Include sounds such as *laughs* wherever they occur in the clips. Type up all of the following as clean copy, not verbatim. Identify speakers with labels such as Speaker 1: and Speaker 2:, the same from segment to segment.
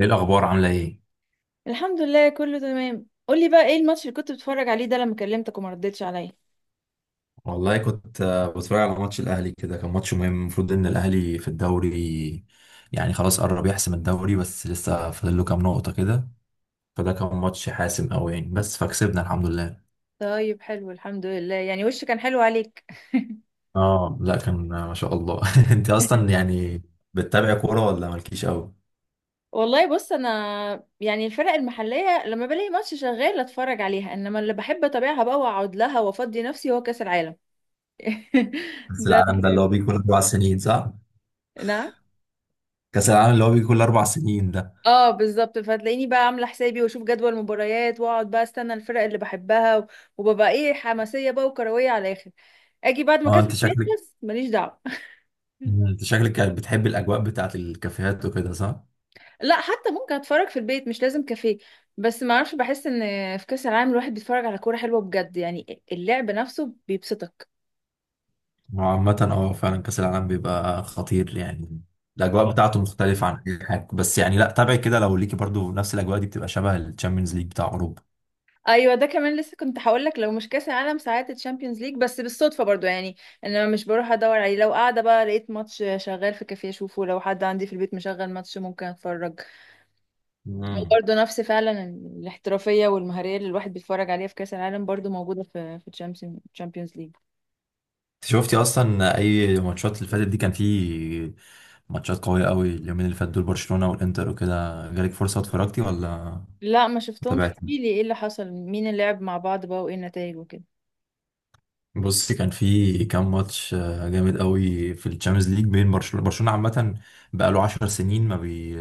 Speaker 1: ايه الاخبار؟ عامله ايه؟
Speaker 2: الحمد لله، كله تمام. قولي بقى ايه الماتش اللي كنت بتتفرج عليه ده لما كلمتك وما ردتش عليا؟
Speaker 1: والله كنت بتفرج على ماتش الاهلي، كده كان ماتش مهم. المفروض ان الاهلي في الدوري يعني خلاص قرب يحسم الدوري بس لسه فاضل له كام نقطه كده. فده كان ماتش حاسم قوي يعني، بس فكسبنا الحمد لله.
Speaker 2: طيب، حلو الحمد لله، يعني وشه كان حلو عليك.
Speaker 1: اه لا كان ما شاء الله. *laughs* انت اصلا
Speaker 2: *laughs*
Speaker 1: يعني بتتابع كوره ولا مالكيش قوي؟
Speaker 2: والله بص، انا يعني الفرق المحليه لما بلاقي ماتش شغال اتفرج عليها، انما اللي بحب اتابعها بقى واقعد لها وافضي نفسي هو كاس العالم. *laughs*
Speaker 1: كاس
Speaker 2: ده
Speaker 1: العالم
Speaker 2: اللي
Speaker 1: ده اللي
Speaker 2: بحب.
Speaker 1: هو بيجي كل اربع سنين، صح؟
Speaker 2: نعم.
Speaker 1: كاس العالم اللي هو بيجي كل اربع سنين ده.
Speaker 2: اه، بالظبط. فتلاقيني بقى عامله حسابي واشوف جدول مباريات واقعد بقى استنى الفرق اللي بحبها وببقى ايه حماسيه بقى وكرويه على الاخر. اجي بعد ما
Speaker 1: اه
Speaker 2: كاس
Speaker 1: انت
Speaker 2: العالم
Speaker 1: شكلك،
Speaker 2: يخلص، ماليش دعوه. *laughs*
Speaker 1: انت شكلك كانت بتحب الاجواء بتاعت الكافيهات وكده، صح؟
Speaker 2: لا، حتى ممكن اتفرج في البيت، مش لازم كافيه. بس ما اعرفش، بحس ان في كاس العالم الواحد بيتفرج على كوره حلوه بجد، يعني اللعب نفسه بيبسطك.
Speaker 1: هو عامة اه فعلا كأس العالم بيبقى خطير يعني. الأجواء بتاعته مختلفة عن أي حاجة، بس يعني لا تابعي كده لو ليكي، برضو نفس الأجواء دي بتبقى شبه الشامبيونز ليج بتاع أوروبا.
Speaker 2: ايوه، ده كمان لسه كنت هقول لك، لو مش كاس العالم ساعات الشامبيونز ليج، بس بالصدفه برضو يعني. انا مش بروح ادور عليه، لو قاعده بقى لقيت ماتش شغال في كافيه اشوفه، لو حد عندي في البيت مشغل ماتش ممكن اتفرج. هو
Speaker 1: امم.
Speaker 2: برضو نفس فعلا الاحترافيه والمهاريه اللي الواحد بيتفرج عليها في كاس العالم برضو موجوده في الشامبيونز ليج.
Speaker 1: انت شفتي أصلا أي ماتشات اللي فاتت دي؟ كان في ماتشات قوية قوي اليومين اللي فاتوا دول، برشلونة والإنتر وكده، جالك فرصة اتفرجتي ولا
Speaker 2: لا، ما شفتهمش،
Speaker 1: تابعتي؟
Speaker 2: احكيلي ايه اللي حصل، مين اللي لعب مع بعض بقى، وايه النتائج وكده.
Speaker 1: بصي كان في كام ماتش جامد قوي في الشامبيونز ليج بين برشلونة. برشلونة عامة بقاله 10 سنين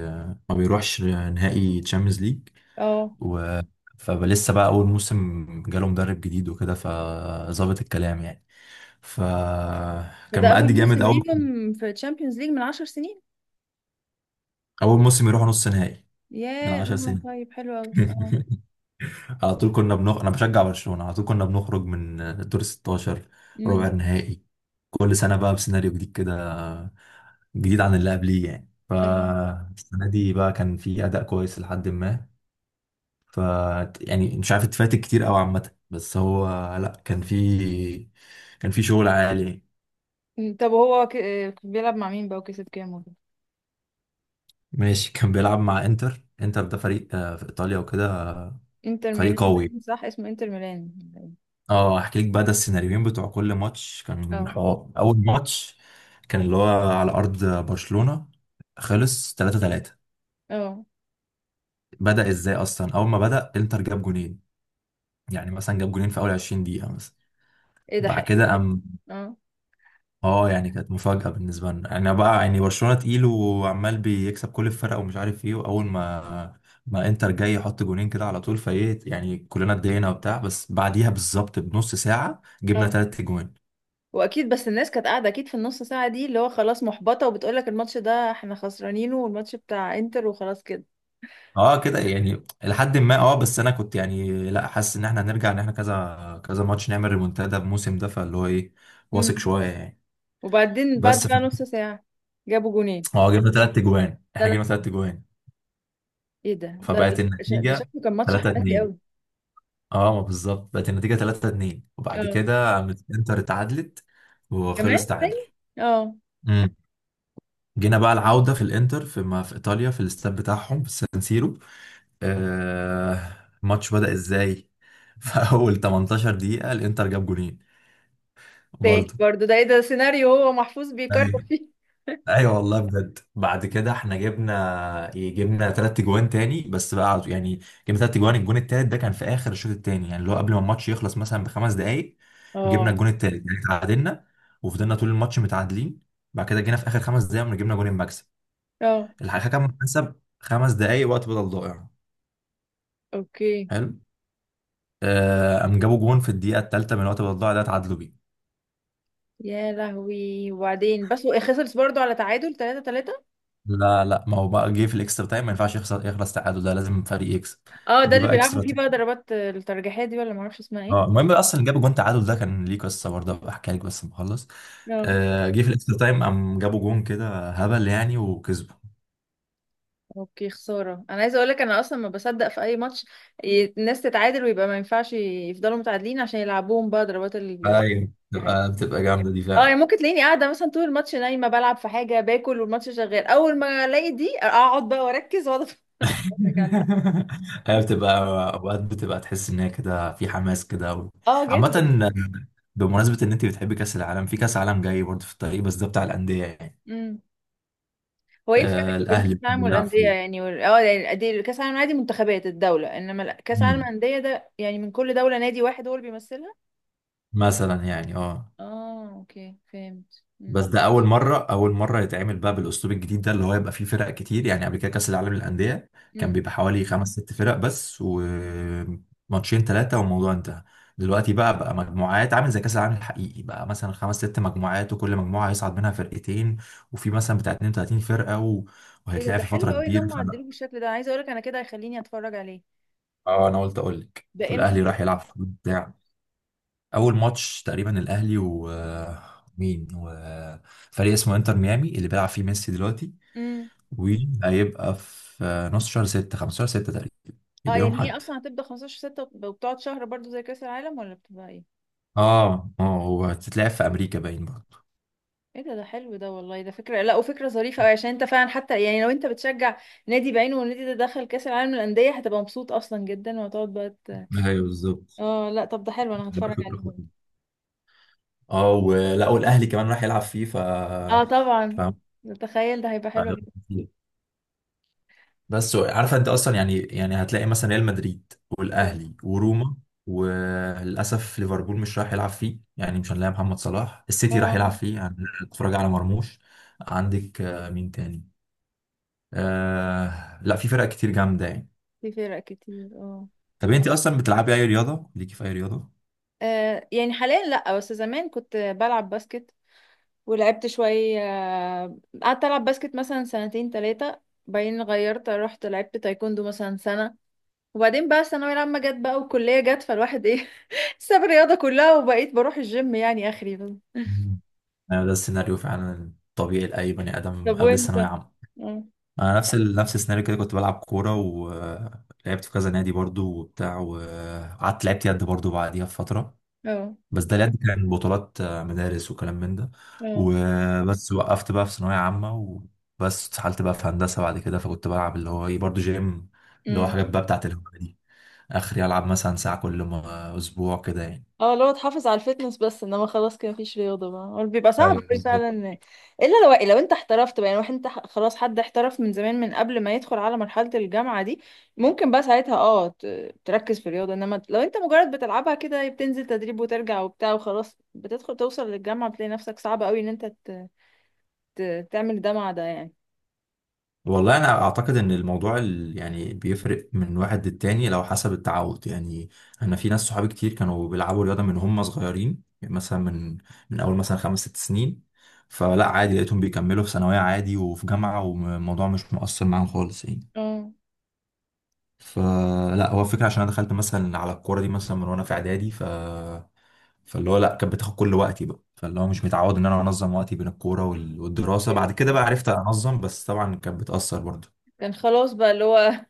Speaker 1: ما بيروحش نهائي تشامبيونز ليج.
Speaker 2: اه،
Speaker 1: و فلسه بقى اول موسم جاله مدرب جديد وكده فظابط الكلام يعني. فكان
Speaker 2: فده
Speaker 1: مأدي
Speaker 2: اول موسم
Speaker 1: جامد.
Speaker 2: ليهم في تشامبيونز ليج من عشر سنين.
Speaker 1: اول موسم يروح نص نهائي من
Speaker 2: ياه،
Speaker 1: 10
Speaker 2: اه،
Speaker 1: سنين.
Speaker 2: طيب حلو قوي. اه.
Speaker 1: *laughs* على طول كنا بنخرج، انا بشجع برشلونة، على طول كنا بنخرج من دور 16، ربع
Speaker 2: امم.
Speaker 1: النهائي. كل سنة بقى بسيناريو جديد كده، جديد عن اللي قبليه يعني.
Speaker 2: أيوة.
Speaker 1: فالسنة دي بقى كان في أداء كويس لحد ما ف يعني مش عارف اتفاتك كتير قوي عامة، بس هو لا كان في شغل عالي.
Speaker 2: طب هو ك... آه، بيلعب مع مين بقى وكسب كام وكده؟
Speaker 1: ماشي. كان بيلعب مع انتر. انتر ده فريق في ايطاليا وكده،
Speaker 2: انتر
Speaker 1: فريق
Speaker 2: ميلان
Speaker 1: قوي.
Speaker 2: باين صح اسمه، انتر ميلان.
Speaker 1: اه احكي لك بقى ده السيناريوهين بتوع كل ماتش. كان
Speaker 2: اه،
Speaker 1: حوار اول ماتش كان اللي هو على ارض برشلونة، خلص 3-3.
Speaker 2: اه.
Speaker 1: بدأ ازاي اصلا؟ اول ما بدأ انتر جاب جونين، يعني مثلا جاب جونين في اول 20 دقيقة مثلا.
Speaker 2: ايه ده،
Speaker 1: بعد
Speaker 2: حقيقي؟
Speaker 1: كده قام،
Speaker 2: اه.
Speaker 1: اه يعني كانت مفاجأة بالنسبة لنا، انا بقى يعني برشلونة تقيل وعمال بيكسب كل الفرق ومش عارف ايه، واول ما ما انتر جاي يحط جونين كده على طول فايه يعني كلنا اتضايقنا وبتاع. بس بعديها بالظبط بنص ساعة جبنا
Speaker 2: اه،
Speaker 1: تلات جوان.
Speaker 2: واكيد. بس الناس كانت قاعده اكيد في النص ساعه دي، اللي هو خلاص محبطه وبتقول لك الماتش ده احنا خسرانينه، والماتش بتاع انتر وخلاص
Speaker 1: اه كده يعني. لحد ما اه بس انا كنت يعني لا حاسس ان احنا هنرجع، ان احنا كذا كذا ماتش نعمل ريمونتادا الموسم ده، فاللي هو ايه
Speaker 2: كده.
Speaker 1: واثق شوية يعني.
Speaker 2: وبعدين بعد
Speaker 1: بس ف...
Speaker 2: بقى نص ساعة جابوا جونين
Speaker 1: اه جبنا تلات جوان. احنا
Speaker 2: تلات.
Speaker 1: جبنا تلات جوان
Speaker 2: ايه ده، لا ده
Speaker 1: فبقت
Speaker 2: ده
Speaker 1: النتيجة
Speaker 2: شكله كان ماتش حماسي
Speaker 1: 3-2.
Speaker 2: قوي.
Speaker 1: اه ما بالظبط بقت النتيجة 3-2، وبعد
Speaker 2: اه.
Speaker 1: كده قامت انتر اتعادلت
Speaker 2: كمان
Speaker 1: وخلص
Speaker 2: تاني.
Speaker 1: تعادل.
Speaker 2: اه.
Speaker 1: امم. جينا بقى العودة في الانتر، في ما في ايطاليا في الاستاد بتاعهم في السان سيرو. آه الماتش بدأ ازاي؟ *laughs* في اول 18 دقيقة الانتر جاب جونين برضه.
Speaker 2: تاني برضه؟ ده ايه ده، سيناريو هو محفوظ بيكرر فيه. *laughs*
Speaker 1: ايوه والله بجد. بعد كده احنا جبنا جبنا ثلاث جوان تاني، بس بقى على- يعني جبنا ثلاث جوان. الجون التالت ده كان في اخر الشوط التاني، يعني اللي هو قبل ما الماتش يخلص مثلا بخمس دقائق جبنا
Speaker 2: اه،
Speaker 1: الجون التالت، يعني اتعادلنا وفضلنا طول الماتش متعادلين. بعد كده جينا في اخر خمس دقائق قمنا جبنا جون المكسب.
Speaker 2: اه،
Speaker 1: الحكم حسب خمس دقائق وقت بدل ضائع.
Speaker 2: اوكي.
Speaker 1: حلو. قام جابوا جون في الدقيقه الثالثه من وقت بدل ضائع ده، اتعادلوا بيه.
Speaker 2: يا لهوي. وبعدين بس هو خسرت برضه على تعادل 3-3؟
Speaker 1: لا لا، ما هو بقى جه في الاكسترا تايم، ما ينفعش يخسر يخلص تعادل، ده لازم فريق يكسب.
Speaker 2: اه، ده
Speaker 1: جه
Speaker 2: اللي
Speaker 1: بقى
Speaker 2: بيلعبوا
Speaker 1: اكسترا.
Speaker 2: فيه بقى ضربات الترجيحية دي، ولا معرفش اسمها ايه.
Speaker 1: اه المهم اصلا اللي جاب جون تعادل ده كان ليه قصه برضه، هبقى احكيها لك بس لما اخلص.
Speaker 2: اه،
Speaker 1: جه في الاكسترا تايم قام جابوا جون كده هبل يعني وكسبوا.
Speaker 2: اوكي. خسارة، انا عايزة اقولك انا اصلا ما بصدق في اي ماتش الناس تتعادل ويبقى ما ينفعش يفضلوا متعادلين عشان يلعبوهم بقى ضربات
Speaker 1: ايوه
Speaker 2: الجزاء.
Speaker 1: بتبقى جامده دي
Speaker 2: اه، يعني
Speaker 1: فعلا.
Speaker 2: ممكن تلاقيني قاعدة مثلا طول الماتش نايمة بلعب في حاجة، باكل والماتش شغال، اول ما الاقي دي اقعد بقى واركز واقعد اتفرج عليها.
Speaker 1: *laughs* هي بتبقى اوقات بتبقى تحس ان هي كده في حماس كده و...
Speaker 2: اه،
Speaker 1: عامه،
Speaker 2: جدا.
Speaker 1: بمناسبه ان انت بتحبي كاس العالم، في كاس عالم جاي برضه في الطريق بس ده بتاع الانديه يعني.
Speaker 2: امم. هو ايه الفرق
Speaker 1: آه
Speaker 2: بين كاس
Speaker 1: الاهلي
Speaker 2: العالم
Speaker 1: بيلعب
Speaker 2: والاندية
Speaker 1: فيه.
Speaker 2: يعني وال... اه يعني كاس العالم عادي منتخبات الدولة، انما لا، كاس العالم
Speaker 1: مم.
Speaker 2: الاندية ده يعني من كل دولة نادي واحد هو اللي بيمثلها.
Speaker 1: مثلا يعني اه
Speaker 2: اه، اوكي، فهمت.
Speaker 1: بس ده اول مره. اول مره يتعمل بقى بالاسلوب الجديد ده اللي هو يبقى فيه فرق كتير يعني. قبل كده كاس العالم للانديه كان
Speaker 2: امم.
Speaker 1: بيبقى حوالي خمس ست فرق بس وماتشين ثلاثه والموضوع انتهى. دلوقتي بقى مجموعات عامل زي كاس العالم الحقيقي بقى، مثلا خمس ست مجموعات وكل مجموعه هيصعد منها فرقتين، وفي مثلا بتاع 32 فرقه و...
Speaker 2: ايه ده
Speaker 1: وهيتلعب
Speaker 2: ده
Speaker 1: في
Speaker 2: حلو
Speaker 1: فتره
Speaker 2: قوي ان
Speaker 1: كبيره.
Speaker 2: هم
Speaker 1: فانا
Speaker 2: عدلوه بالشكل ده، انا عايزه اقولك انا كده هيخليني اتفرج عليه.
Speaker 1: اه انا قلت اقول لك
Speaker 2: ده امتى
Speaker 1: والاهلي راح
Speaker 2: هيبقى؟
Speaker 1: يلعب في بتاع. اول ماتش تقريبا الاهلي و مين وفريق اسمه انتر ميامي اللي بيلعب فيه ميسي دلوقتي.
Speaker 2: امم.
Speaker 1: وهيبقى في نص شهر ستة، خمسة شهر ستة تقريبا
Speaker 2: اه،
Speaker 1: يبقى يوم
Speaker 2: يعني هي
Speaker 1: حد.
Speaker 2: اصلا هتبدا 15/6 وبتقعد شهر برضو زي كاس العالم، ولا بتبقى ايه؟
Speaker 1: اه اه هو هتتلعب في امريكا باين برضه.
Speaker 2: ايه ده حلو ده والله، ده فكره، لا وفكره ظريفه قوي، عشان انت فعلا حتى يعني لو انت بتشجع نادي بعينه والنادي ده دخل كاس العالم للانديه هتبقى مبسوط اصلا جدا، وهتقعد بقى
Speaker 1: ايوه بالظبط.
Speaker 2: اه لا، طب ده حلو، انا
Speaker 1: لا،
Speaker 2: هتفرج عليه
Speaker 1: فكرة
Speaker 2: برضه.
Speaker 1: خطيرة. اه ولا والاهلي كمان راح يلعب فيه، ف
Speaker 2: اه طبعا.
Speaker 1: فاهم.
Speaker 2: تخيل، ده هيبقى حلو أوي.
Speaker 1: بس عارفه انت اصلا يعني، هتلاقي مثلا ريال مدريد
Speaker 2: اه.
Speaker 1: والاهلي وروما، وللاسف ليفربول مش راح يلعب فيه يعني، مش هنلاقي محمد صلاح. السيتي راح يلعب
Speaker 2: آه،
Speaker 1: فيه يعني، اتفرج على مرموش. عندك مين تاني؟ آه لا في فرق كتير جامده يعني.
Speaker 2: في فرق كتير. اه.
Speaker 1: طب انت اصلا بتلعبي اي رياضه؟ ليكي في اي رياضه؟
Speaker 2: يعني حاليا لا، بس زمان كنت بلعب باسكت، ولعبت شوية، قعدت ألعب باسكت مثلا سنتين تلاتة، بعدين غيرت رحت لعبت تايكوندو مثلا سنة، وبعدين بقى الثانوية العامة جت بقى والكلية جت، فالواحد ايه *laughs* ساب الرياضة كلها وبقيت بروح الجيم يعني آخري بس.
Speaker 1: مم. انا ده السيناريو فعلا الطبيعي لاي بني ادم
Speaker 2: طب
Speaker 1: قبل
Speaker 2: وانت؟
Speaker 1: الثانويه عامه.
Speaker 2: اه،
Speaker 1: انا نفس السيناريو كده، كنت بلعب كوره ولعبت في كذا نادي برضو وبتاع، وقعدت لعبت يد برضو بعديها بفتره.
Speaker 2: اه،
Speaker 1: بس ده اليد كان بطولات مدارس وكلام من ده
Speaker 2: اه،
Speaker 1: وبس. وقفت بقى في ثانويه عامه، وبس اتسحلت بقى في هندسه بعد كده. فكنت بلعب اللي هو ايه برضو جيم، اللي هو حاجات بقى بتاعت الهوايه دي. اخري العب مثلا ساعه كل اسبوع كده يعني.
Speaker 2: اه. اللي هو تحافظ على الفتنس، بس انما خلاص كده مفيش رياضه بقى، هو بيبقى صعب
Speaker 1: ايوه
Speaker 2: قوي فعلا.
Speaker 1: بالظبط.
Speaker 2: الا لو انت احترفت بقى، يعني واحد انت خلاص حد احترف من زمان من قبل ما يدخل على مرحله الجامعه دي ممكن بقى ساعتها تركز في الرياضه، انما لو انت مجرد بتلعبها كده، بتنزل تدريب وترجع وبتاع وخلاص، بتدخل توصل للجامعه بتلاقي نفسك صعب قوي ان انت تعمل ده مع ده يعني.
Speaker 1: والله انا اعتقد ان الموضوع يعني بيفرق من واحد للتاني، لو حسب التعود يعني. انا في ناس صحابي كتير كانوا بيلعبوا رياضه من هم صغيرين يعني، مثلا من اول مثلا خمس ست سنين، فلا عادي لقيتهم بيكملوا في ثانويه عادي وفي جامعه، والموضوع مش مؤثر معاهم خالص يعني.
Speaker 2: اه،
Speaker 1: فلا هو الفكره، عشان انا دخلت مثلا على الكوره دي مثلا من وانا في اعدادي، ف فاللي هو لا كانت بتاخد كل وقتي بقى، فاللي هو مش متعود ان انا انظم وقتي بين الكوره والدراسه. بعد كده بقى عرفت انظم، بس طبعا كانت بتاثر.
Speaker 2: كان خلاص بقى اللي هو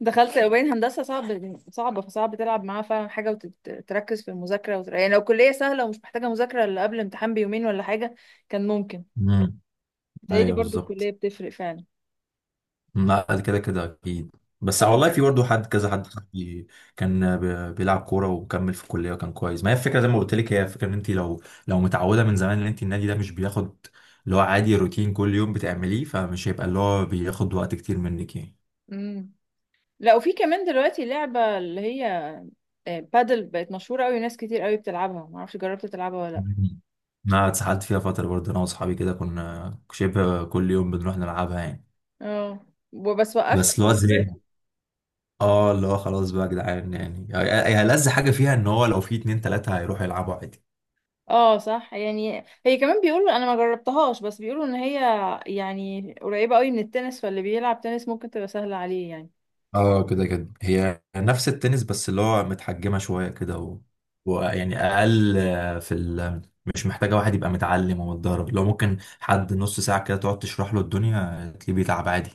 Speaker 2: دخلت، وبين هندسة صعبة، فصعب تلعب معاها فعلا حاجة وتركز في المذاكرة يعني لو كلية سهلة ومش محتاجة مذاكرة إلا قبل امتحان بيومين ولا حاجة كان ممكن.
Speaker 1: برضه
Speaker 2: بتهيألي
Speaker 1: ايوه
Speaker 2: برضو الكلية
Speaker 1: بالظبط.
Speaker 2: بتفرق فعلا.
Speaker 1: لا ده كده كده اكيد، بس
Speaker 2: طب ما
Speaker 1: والله في برضه حد، كذا حد صاحبي كان بيلعب كوره وكمل في الكليه وكان كويس. ما هي الفكره زي ما قلت لك، هي الفكره ان انت لو متعوده من زمان، ان انت النادي ده مش بياخد اللي هو، عادي روتين كل يوم بتعمليه، فمش هيبقى اللي هو بياخد وقت كتير منك يعني.
Speaker 2: مم. لا، وفي كمان دلوقتي لعبة اللي هي بادل بقت مشهورة قوي، ناس كتير قوي بتلعبها، معرفش جربت تلعبها ولا
Speaker 1: *laughs*
Speaker 2: لأ.
Speaker 1: مم. انا اتسحلت فيها فتره برضه، انا واصحابي كده كنا شبه كل يوم بنروح نلعبها يعني،
Speaker 2: اه. وبس وقفت
Speaker 1: بس
Speaker 2: لحد
Speaker 1: اللي هو زهقنا.
Speaker 2: دلوقتي.
Speaker 1: *laughs* اه اللي هو خلاص بقى يا جدعان يعني، هي هي ألذ حاجه فيها ان هو لو في اتنين تلاته هيروحوا يلعبوا عادي.
Speaker 2: اه صح، يعني هي كمان بيقولوا، انا ما جربتهاش، بس بيقولوا ان هي يعني قريبة قوي من التنس، فاللي بيلعب تنس ممكن تبقى سهلة عليه يعني.
Speaker 1: اه كده كده هي نفس التنس بس اللي هو متحجمة شوية كده و... ويعني أقل في ال... مش محتاجة واحد يبقى متعلم ومتدرب، لو ممكن حد نص ساعة كده تقعد تشرح له الدنيا تلاقيه بيتعب عادي.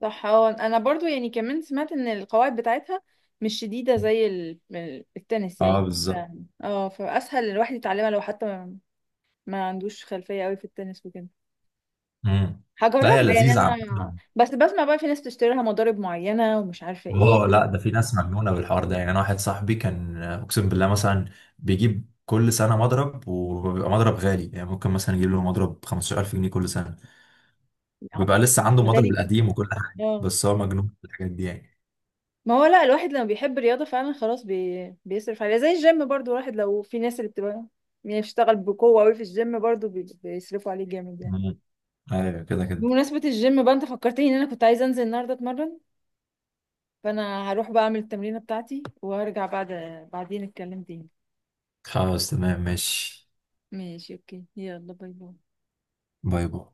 Speaker 2: صح، اه. انا برضو يعني كمان سمعت ان القواعد بتاعتها مش شديدة زي التنس
Speaker 1: اه
Speaker 2: يعني،
Speaker 1: بالظبط.
Speaker 2: فاسهل الواحد يتعلمها لو حتى ما عندوش خلفية قوي في التنس وكده.
Speaker 1: امم. لا هي
Speaker 2: هجربها يعني،
Speaker 1: لذيذة عامة.
Speaker 2: انا بس بسمع بقى في ناس بتشتري لها مضارب معينة ومش عارفة ايه.
Speaker 1: اه لا ده في ناس مجنونة بالحوار ده يعني. أنا واحد صاحبي كان أقسم بالله مثلا بيجيب كل سنة مضرب، وبيبقى مضرب غالي يعني، ممكن مثلا يجيب له مضرب 15,000 جنيه كل سنة،
Speaker 2: ع-
Speaker 1: وبيبقى لسه عنده مضرب
Speaker 2: غالي كده؟
Speaker 1: القديم وكل حاجه،
Speaker 2: اه.
Speaker 1: بس هو مجنون في الحاجات دي يعني.
Speaker 2: ما هو لا، الواحد لما بيحب الرياضة فعلا خلاص بيصرف عليها، زي الجيم برضو، الواحد لو في ناس اللي بتبقى يعني بتشتغل بقوة قوي في الجيم برضو بيصرفوا عليه جامد يعني.
Speaker 1: مم. ايوه كده كده.
Speaker 2: بمناسبة الجيم بقى، انت فكرتني ان انا كنت عايزة انزل النهاردة اتمرن، فانا هروح بقى اعمل التمرينة بتاعتي وهرجع بعد بعدين اتكلم تاني.
Speaker 1: خلاص تمام ماشي.
Speaker 2: ماشي، اوكي، يلا باي باي.
Speaker 1: باي باي.